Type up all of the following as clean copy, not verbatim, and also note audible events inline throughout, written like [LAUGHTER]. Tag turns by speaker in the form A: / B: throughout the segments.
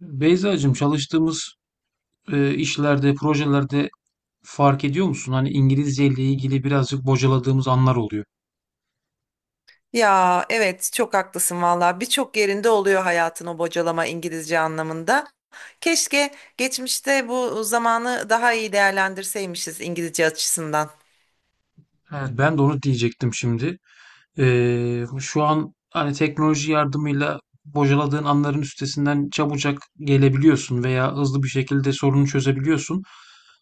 A: Beyzacığım çalıştığımız işlerde, projelerde fark ediyor musun? Hani İngilizce ile ilgili birazcık bocaladığımız anlar oluyor.
B: Ya evet çok haklısın valla birçok yerinde oluyor hayatın o bocalama İngilizce anlamında. Keşke geçmişte bu zamanı daha iyi değerlendirseymişiz İngilizce açısından.
A: Evet. Ben de onu diyecektim şimdi. Şu an hani teknoloji yardımıyla bocaladığın anların üstesinden çabucak gelebiliyorsun veya hızlı bir şekilde sorunu çözebiliyorsun.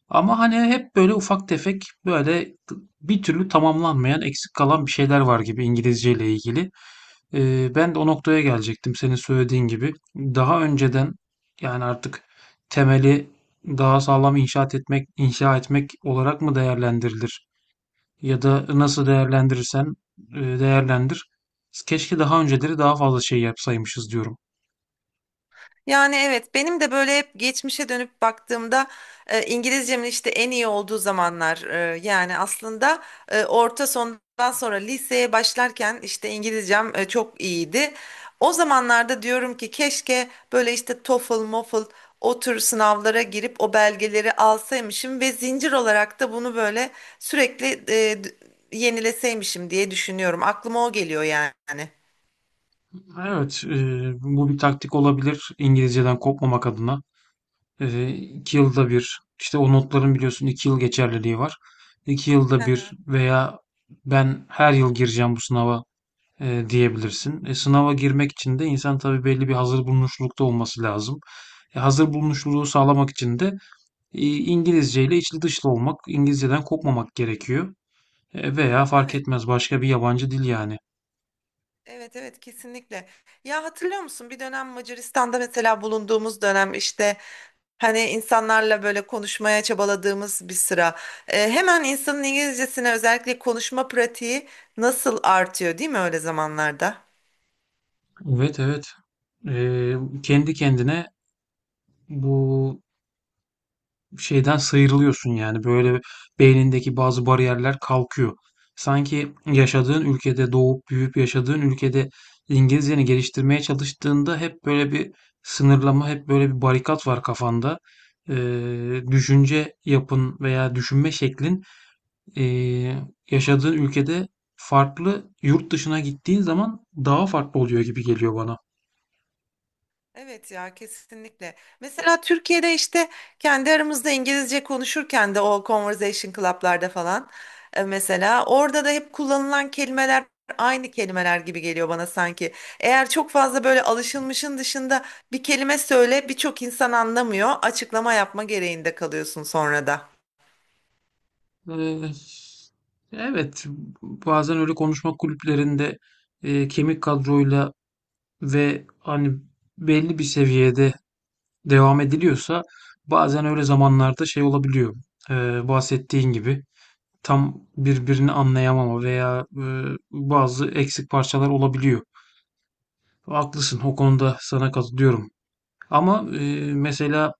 A: Ama hani hep böyle ufak tefek böyle bir türlü tamamlanmayan eksik kalan bir şeyler var gibi İngilizce ile ilgili. Ben de o noktaya gelecektim senin söylediğin gibi. Daha önceden yani artık temeli daha sağlam inşaat etmek, inşa etmek olarak mı değerlendirilir? Ya da nasıl değerlendirirsen değerlendir. Keşke daha önceleri daha fazla şey yapsaymışız diyorum.
B: Yani evet benim de böyle hep geçmişe dönüp baktığımda İngilizcemin işte en iyi olduğu zamanlar yani aslında orta sondan sonra liseye başlarken işte İngilizcem çok iyiydi. O zamanlarda diyorum ki keşke böyle işte TOEFL, MOFL o tür sınavlara girip o belgeleri alsaymışım ve zincir olarak da bunu böyle sürekli e, d- yenileseymişim diye düşünüyorum. Aklıma o geliyor yani.
A: Evet, bu bir taktik olabilir İngilizceden kopmamak adına. İki yılda bir, işte o notların biliyorsun iki yıl geçerliliği var. İki
B: Hı
A: yılda bir
B: hı.
A: veya ben her yıl gireceğim bu sınava diyebilirsin. Sınava girmek için de insan tabii belli bir hazır bulunuşlukta olması lazım. Hazır bulunuşluluğu sağlamak için de İngilizce ile içli dışlı olmak, İngilizceden kopmamak gerekiyor. Veya fark
B: Evet.
A: etmez başka bir yabancı dil yani.
B: Evet, evet, kesinlikle. Ya hatırlıyor musun bir dönem Macaristan'da mesela bulunduğumuz dönem işte hani insanlarla böyle konuşmaya çabaladığımız bir sıra. Hemen insanın İngilizcesine özellikle konuşma pratiği nasıl artıyor değil mi öyle zamanlarda?
A: Evet, evet. E, Kendi kendine bu şeyden sıyrılıyorsun yani böyle beynindeki bazı bariyerler kalkıyor. Sanki yaşadığın ülkede doğup büyüyüp yaşadığın ülkede İngilizceni geliştirmeye çalıştığında hep böyle bir sınırlama, hep böyle bir barikat var kafanda. Düşünce yapın veya düşünme şeklin ee, yaşadığın ülkede farklı, yurt dışına gittiğin zaman daha farklı oluyor gibi geliyor bana.
B: Evet ya kesinlikle. Mesela Türkiye'de işte kendi aramızda İngilizce konuşurken de o conversation club'larda falan mesela orada da hep kullanılan kelimeler aynı kelimeler gibi geliyor bana sanki. Eğer çok fazla böyle alışılmışın dışında bir kelime söyle birçok insan anlamıyor. Açıklama yapma gereğinde kalıyorsun sonra da.
A: Ee, evet, bazen öyle konuşma kulüplerinde kemik kadroyla ve hani belli bir seviyede devam ediliyorsa bazen öyle zamanlarda şey olabiliyor. Bahsettiğin gibi tam birbirini anlayamama veya bazı eksik parçalar olabiliyor. Haklısın, o konuda sana katılıyorum. Ama mesela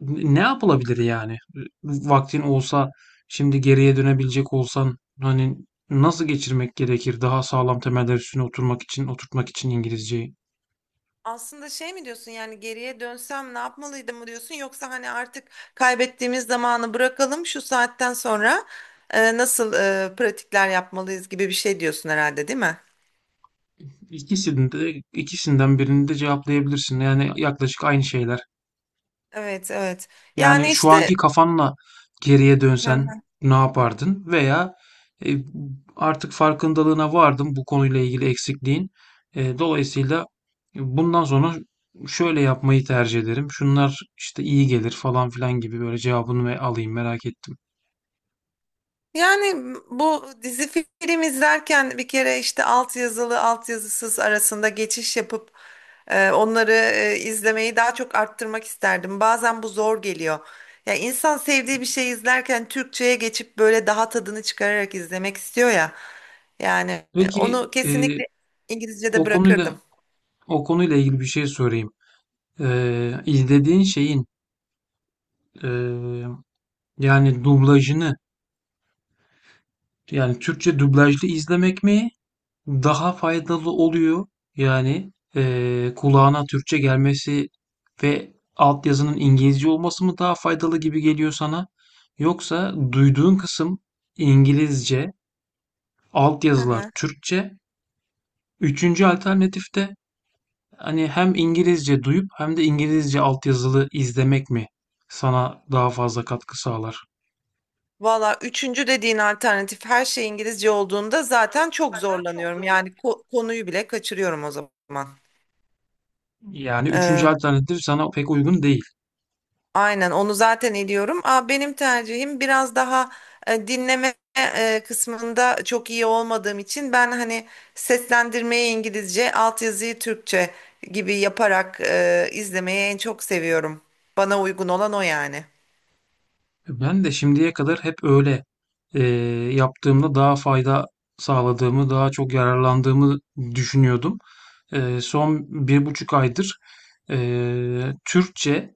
A: ne yapılabilir yani? Vaktin olsa, şimdi geriye dönebilecek olsan hani nasıl geçirmek gerekir daha sağlam temeller üstüne oturmak için, oturtmak için İngilizceyi?
B: Aslında şey mi diyorsun yani geriye dönsem ne yapmalıydım mı diyorsun yoksa hani artık kaybettiğimiz zamanı bırakalım şu saatten sonra nasıl pratikler yapmalıyız gibi bir şey diyorsun herhalde değil mi?
A: İkisinde, ikisinden birini de cevaplayabilirsin. Yani yaklaşık aynı şeyler.
B: Evet, evet,
A: Yani
B: yani
A: şu
B: işte
A: anki kafanla geriye dönsen ne yapardın? Veya e, artık farkındalığına vardın bu konuyla ilgili eksikliğin. Dolayısıyla bundan sonra şöyle yapmayı tercih ederim. Şunlar işte iyi gelir falan filan gibi böyle cevabını ve alayım merak ettim.
B: yani bu dizi film izlerken bir kere işte altyazılı altyazısız arasında geçiş yapıp onları izlemeyi daha çok arttırmak isterdim. Bazen bu zor geliyor. Ya insan sevdiği bir şey izlerken Türkçe'ye geçip böyle daha tadını çıkararak izlemek istiyor ya. Yani
A: Peki
B: onu kesinlikle İngilizce'de
A: o
B: bırakırdım.
A: konuyla o konuyla ilgili bir şey sorayım. İzlediğin şeyin e, yani dublajını yani Türkçe dublajlı izlemek mi? Daha faydalı oluyor. Yani, kulağına Türkçe gelmesi ve altyazının İngilizce olması mı daha faydalı gibi geliyor sana? Yoksa duyduğun kısım İngilizce,
B: Hı
A: altyazılar
B: hı.
A: Türkçe, üçüncü alternatif de, hani, hem İngilizce duyup hem de İngilizce altyazılı izlemek mi sana daha fazla katkı sağlar?
B: Valla üçüncü dediğin alternatif her şey İngilizce olduğunda zaten çok zorlanıyorum. Yani konuyu bile kaçırıyorum o zaman.
A: Yani üçüncü alternatif sana pek uygun değil.
B: Aynen onu zaten ediyorum. Aa, benim tercihim biraz daha dinleme kısmında çok iyi olmadığım için ben hani seslendirmeyi İngilizce, altyazıyı Türkçe gibi yaparak izlemeyi en çok seviyorum. Bana uygun olan o yani.
A: Ben de şimdiye kadar hep öyle eee, yaptığımda daha fayda sağladığımı, daha çok yararlandığımı düşünüyordum. Son bir buçuk aydır Türkçe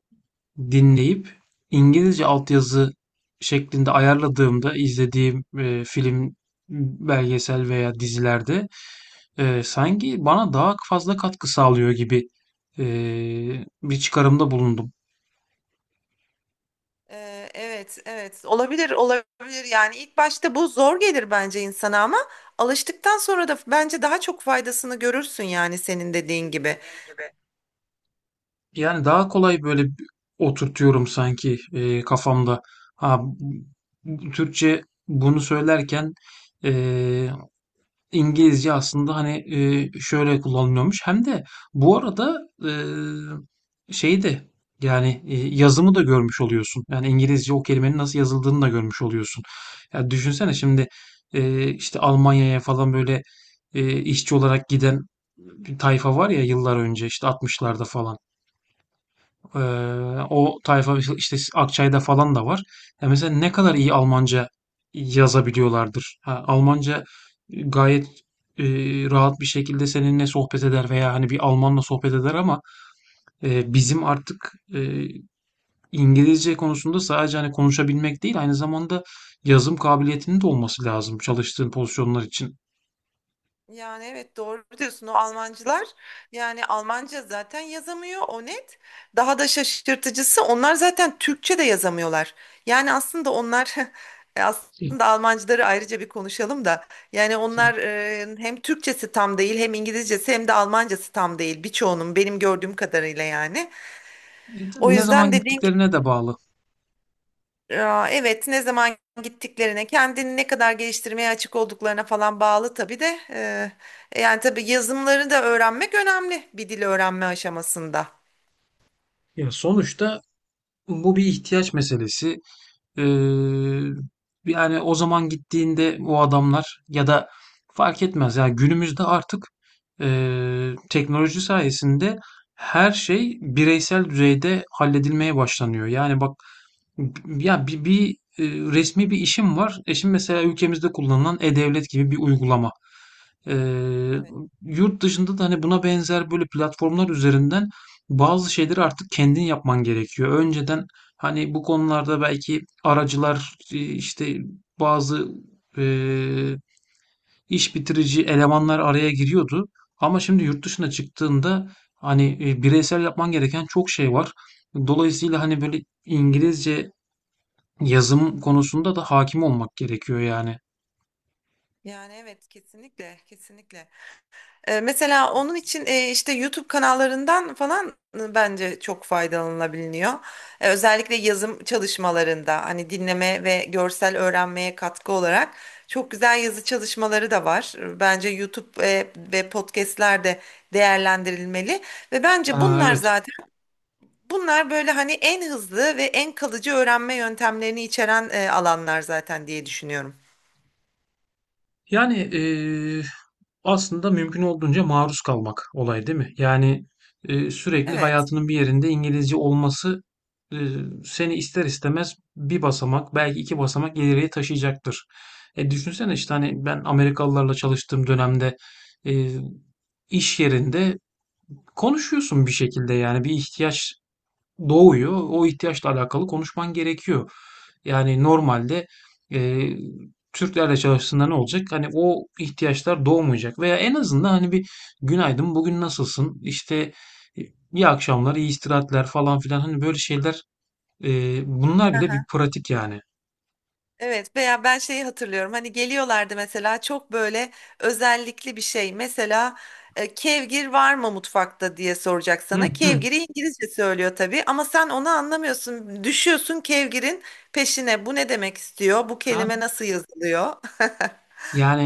A: dinleyip İngilizce altyazı şeklinde ayarladığımda izlediğim, film, belgesel veya dizilerde, sanki bana daha fazla katkı sağlıyor gibi, bir çıkarımda bulundum.
B: Evet, evet. Olabilir, olabilir. Yani ilk başta bu zor gelir bence insana ama alıştıktan sonra da bence daha çok faydasını görürsün yani senin dediğin gibi.
A: Yani daha kolay böyle oturtuyorum sanki, kafamda. Ha, Türkçe bunu söylerken, eee İngilizce aslında hani şöyle kullanılıyormuş. Hem de bu arada e, şey de yani yazımı da görmüş oluyorsun. Yani İngilizce o kelimenin nasıl yazıldığını da görmüş oluyorsun. Ya düşünsene şimdi işte Almanya'ya falan böyle işçi olarak giden bir tayfa var ya yıllar önce işte 60'larda falan. Ee, O tayfa işte Akçay'da falan da var. Ya mesela ne kadar iyi Almanca yazabiliyorlardır. Ha, Almanca gayet e, rahat bir şekilde seninle sohbet eder veya hani bir Almanla sohbet eder ama bizim artık İngilizce konusunda sadece hani konuşabilmek değil aynı zamanda yazım kabiliyetinin de olması lazım çalıştığın pozisyonlar için.
B: Yani evet doğru diyorsun o Almancılar yani Almanca zaten yazamıyor o net. Daha da şaşırtıcısı onlar zaten Türkçe de yazamıyorlar. Yani aslında onlar [LAUGHS]
A: E,
B: aslında Almancıları ayrıca bir konuşalım da yani onlar hem Türkçesi tam değil hem İngilizcesi hem de Almancası tam değil birçoğunun benim gördüğüm kadarıyla yani. O
A: tabii ne
B: yüzden
A: zaman
B: dediğin
A: gittiklerine de bağlı.
B: ya, evet ne zaman gittiklerine, kendini ne kadar geliştirmeye açık olduklarına falan bağlı tabii de. Yani tabii yazımları da öğrenmek önemli bir dil öğrenme aşamasında.
A: Ya sonuçta bu bir ihtiyaç meselesi. Ee, Yani o zaman gittiğinde o adamlar ya da fark etmez. Yani günümüzde artık teknoloji sayesinde her şey bireysel düzeyde halledilmeye başlanıyor. Yani bak ya e, resmi bir işim var. E şimdi mesela ülkemizde kullanılan e-devlet gibi bir uygulama. Eee,
B: Evet.
A: Yurt dışında da hani buna benzer böyle platformlar üzerinden bazı şeyleri artık kendin yapman gerekiyor. Önceden hani bu konularda belki aracılar işte bazı eee, iş bitirici elemanlar araya giriyordu. Ama şimdi yurt dışına çıktığında hani bireysel yapman gereken çok şey var. Dolayısıyla hani böyle İngilizce yazım konusunda da hakim olmak gerekiyor yani.
B: Yani evet, kesinlikle kesinlikle. Mesela onun için işte YouTube kanallarından falan bence çok faydalanılabiliyor. Özellikle yazım çalışmalarında hani dinleme ve görsel öğrenmeye katkı olarak çok güzel yazı çalışmaları da var. Bence YouTube ve podcastler de değerlendirilmeli ve bence
A: Aa,
B: bunlar
A: evet.
B: zaten bunlar böyle hani en hızlı ve en kalıcı öğrenme yöntemlerini içeren alanlar zaten diye düşünüyorum.
A: Yani aslında mümkün olduğunca maruz kalmak olay değil mi? Yani sürekli
B: Evet.
A: hayatının bir yerinde İngilizce olması e, seni ister istemez bir basamak belki iki basamak ileriye taşıyacaktır. Düşünsene işte hani ben Amerikalılarla çalıştığım dönemde e, iş yerinde konuşuyorsun bir şekilde yani bir ihtiyaç doğuyor. O ihtiyaçla alakalı konuşman gerekiyor. Yani normalde e, Türklerle çalıştığında ne olacak? Hani o ihtiyaçlar doğmayacak veya en azından hani bir günaydın bugün nasılsın? İşte e, iyi akşamlar, iyi istirahatler falan filan hani böyle şeyler e, bunlar bile bir pratik yani.
B: Evet veya ben şeyi hatırlıyorum hani geliyorlardı mesela çok böyle özellikli bir şey mesela kevgir var mı mutfakta diye soracak
A: Hı
B: sana,
A: hı.
B: kevgiri İngilizce söylüyor tabii ama sen onu anlamıyorsun, düşüyorsun kevgirin peşine, bu ne demek istiyor, bu
A: Ha?
B: kelime nasıl yazılıyor?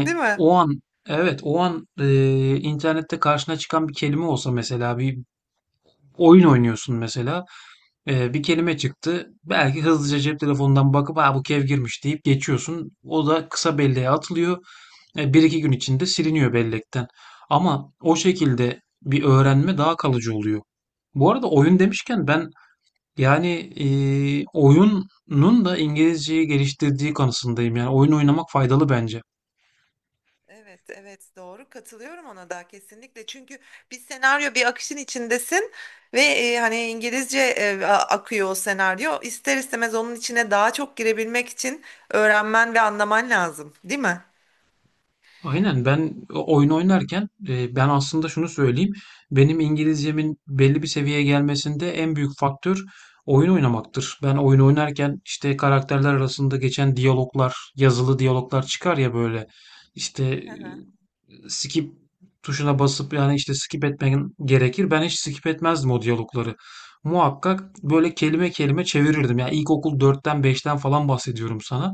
B: [LAUGHS] Değil mi?
A: o an evet o an internette karşına çıkan bir kelime olsa mesela bir oyun oynuyorsun mesela bir kelime çıktı. Belki hızlıca cep telefonundan bakıp ha bu kev girmiş deyip geçiyorsun. O da kısa belleğe atılıyor. Bir iki gün içinde siliniyor bellekten. Ama o şekilde bir öğrenme daha kalıcı oluyor. Bu arada oyun demişken ben yani e, oyunun da İngilizceyi geliştirdiği kanısındayım. Yani oyun oynamak faydalı bence.
B: Evet, evet, doğru katılıyorum ona da kesinlikle. Çünkü bir senaryo bir akışın içindesin ve hani İngilizce akıyor o senaryo. İster istemez onun içine daha çok girebilmek için öğrenmen ve anlaman lazım, değil mi?
A: Aynen ben oyun oynarken ben aslında şunu söyleyeyim. Benim İngilizcemin belli bir seviyeye gelmesinde en büyük faktör oyun oynamaktır. Ben oyun oynarken işte karakterler arasında geçen diyaloglar, yazılı diyaloglar çıkar ya böyle. İşte
B: Hı hı.
A: skip tuşuna basıp yani işte skip etmen gerekir. Ben hiç skip etmezdim o diyalogları. Muhakkak böyle kelime kelime çevirirdim. Yani ilkokul dörtten beşten falan bahsediyorum sana.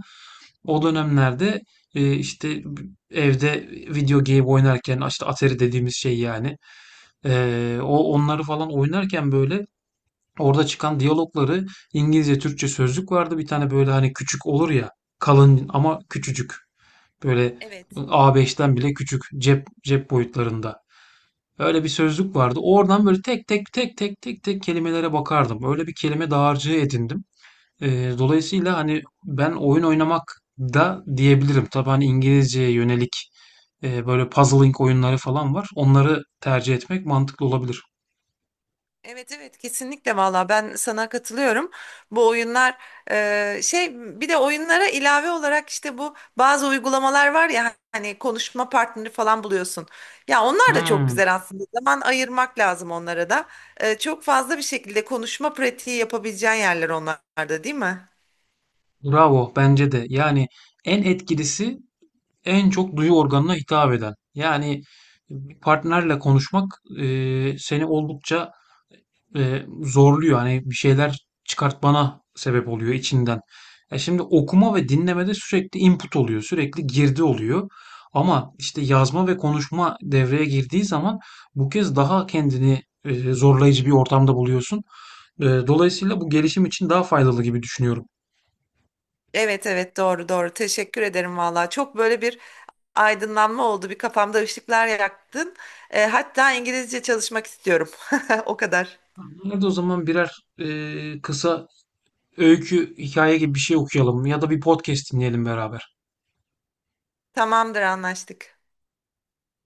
A: O dönemlerde işte evde video game oynarken işte Atari dediğimiz şey yani o onları falan oynarken böyle orada çıkan diyalogları İngilizce Türkçe sözlük vardı bir tane böyle hani küçük olur ya kalın ama küçücük böyle
B: Evet.
A: A5'ten bile küçük cep boyutlarında öyle bir sözlük vardı oradan böyle tek tek kelimelere bakardım öyle bir kelime dağarcığı edindim. Dolayısıyla hani ben oyun oynamak da diyebilirim tabii hani İngilizceye yönelik böyle puzzling oyunları falan var. Onları tercih etmek mantıklı olabilir.
B: Evet, evet, kesinlikle valla ben sana katılıyorum. Bu oyunlar e, şey bir de oyunlara ilave olarak işte bu bazı uygulamalar var ya hani konuşma partneri falan buluyorsun. Ya onlar da çok
A: Hmm,
B: güzel aslında. Zaman ayırmak lazım onlara da. Çok fazla bir şekilde konuşma pratiği yapabileceğin yerler onlarda değil mi?
A: bravo bence de. Yani en etkilisi en çok duyu organına hitap eden. Yani bir partnerle konuşmak seni oldukça zorluyor. Hani bir şeyler çıkartmana sebep oluyor içinden. Ya şimdi okuma ve dinlemede sürekli input oluyor, sürekli girdi oluyor. Ama işte yazma ve konuşma devreye girdiği zaman bu kez daha kendini zorlayıcı bir ortamda buluyorsun. Dolayısıyla bu gelişim için daha faydalı gibi düşünüyorum.
B: Evet, evet, doğru doğru, teşekkür ederim valla. Çok böyle bir aydınlanma oldu, bir kafamda ışıklar yaktın. Hatta İngilizce çalışmak istiyorum. [LAUGHS] O kadar.
A: Hadi o zaman birer kısa öykü, hikaye gibi bir şey okuyalım ya da bir podcast dinleyelim beraber.
B: Tamamdır, anlaştık.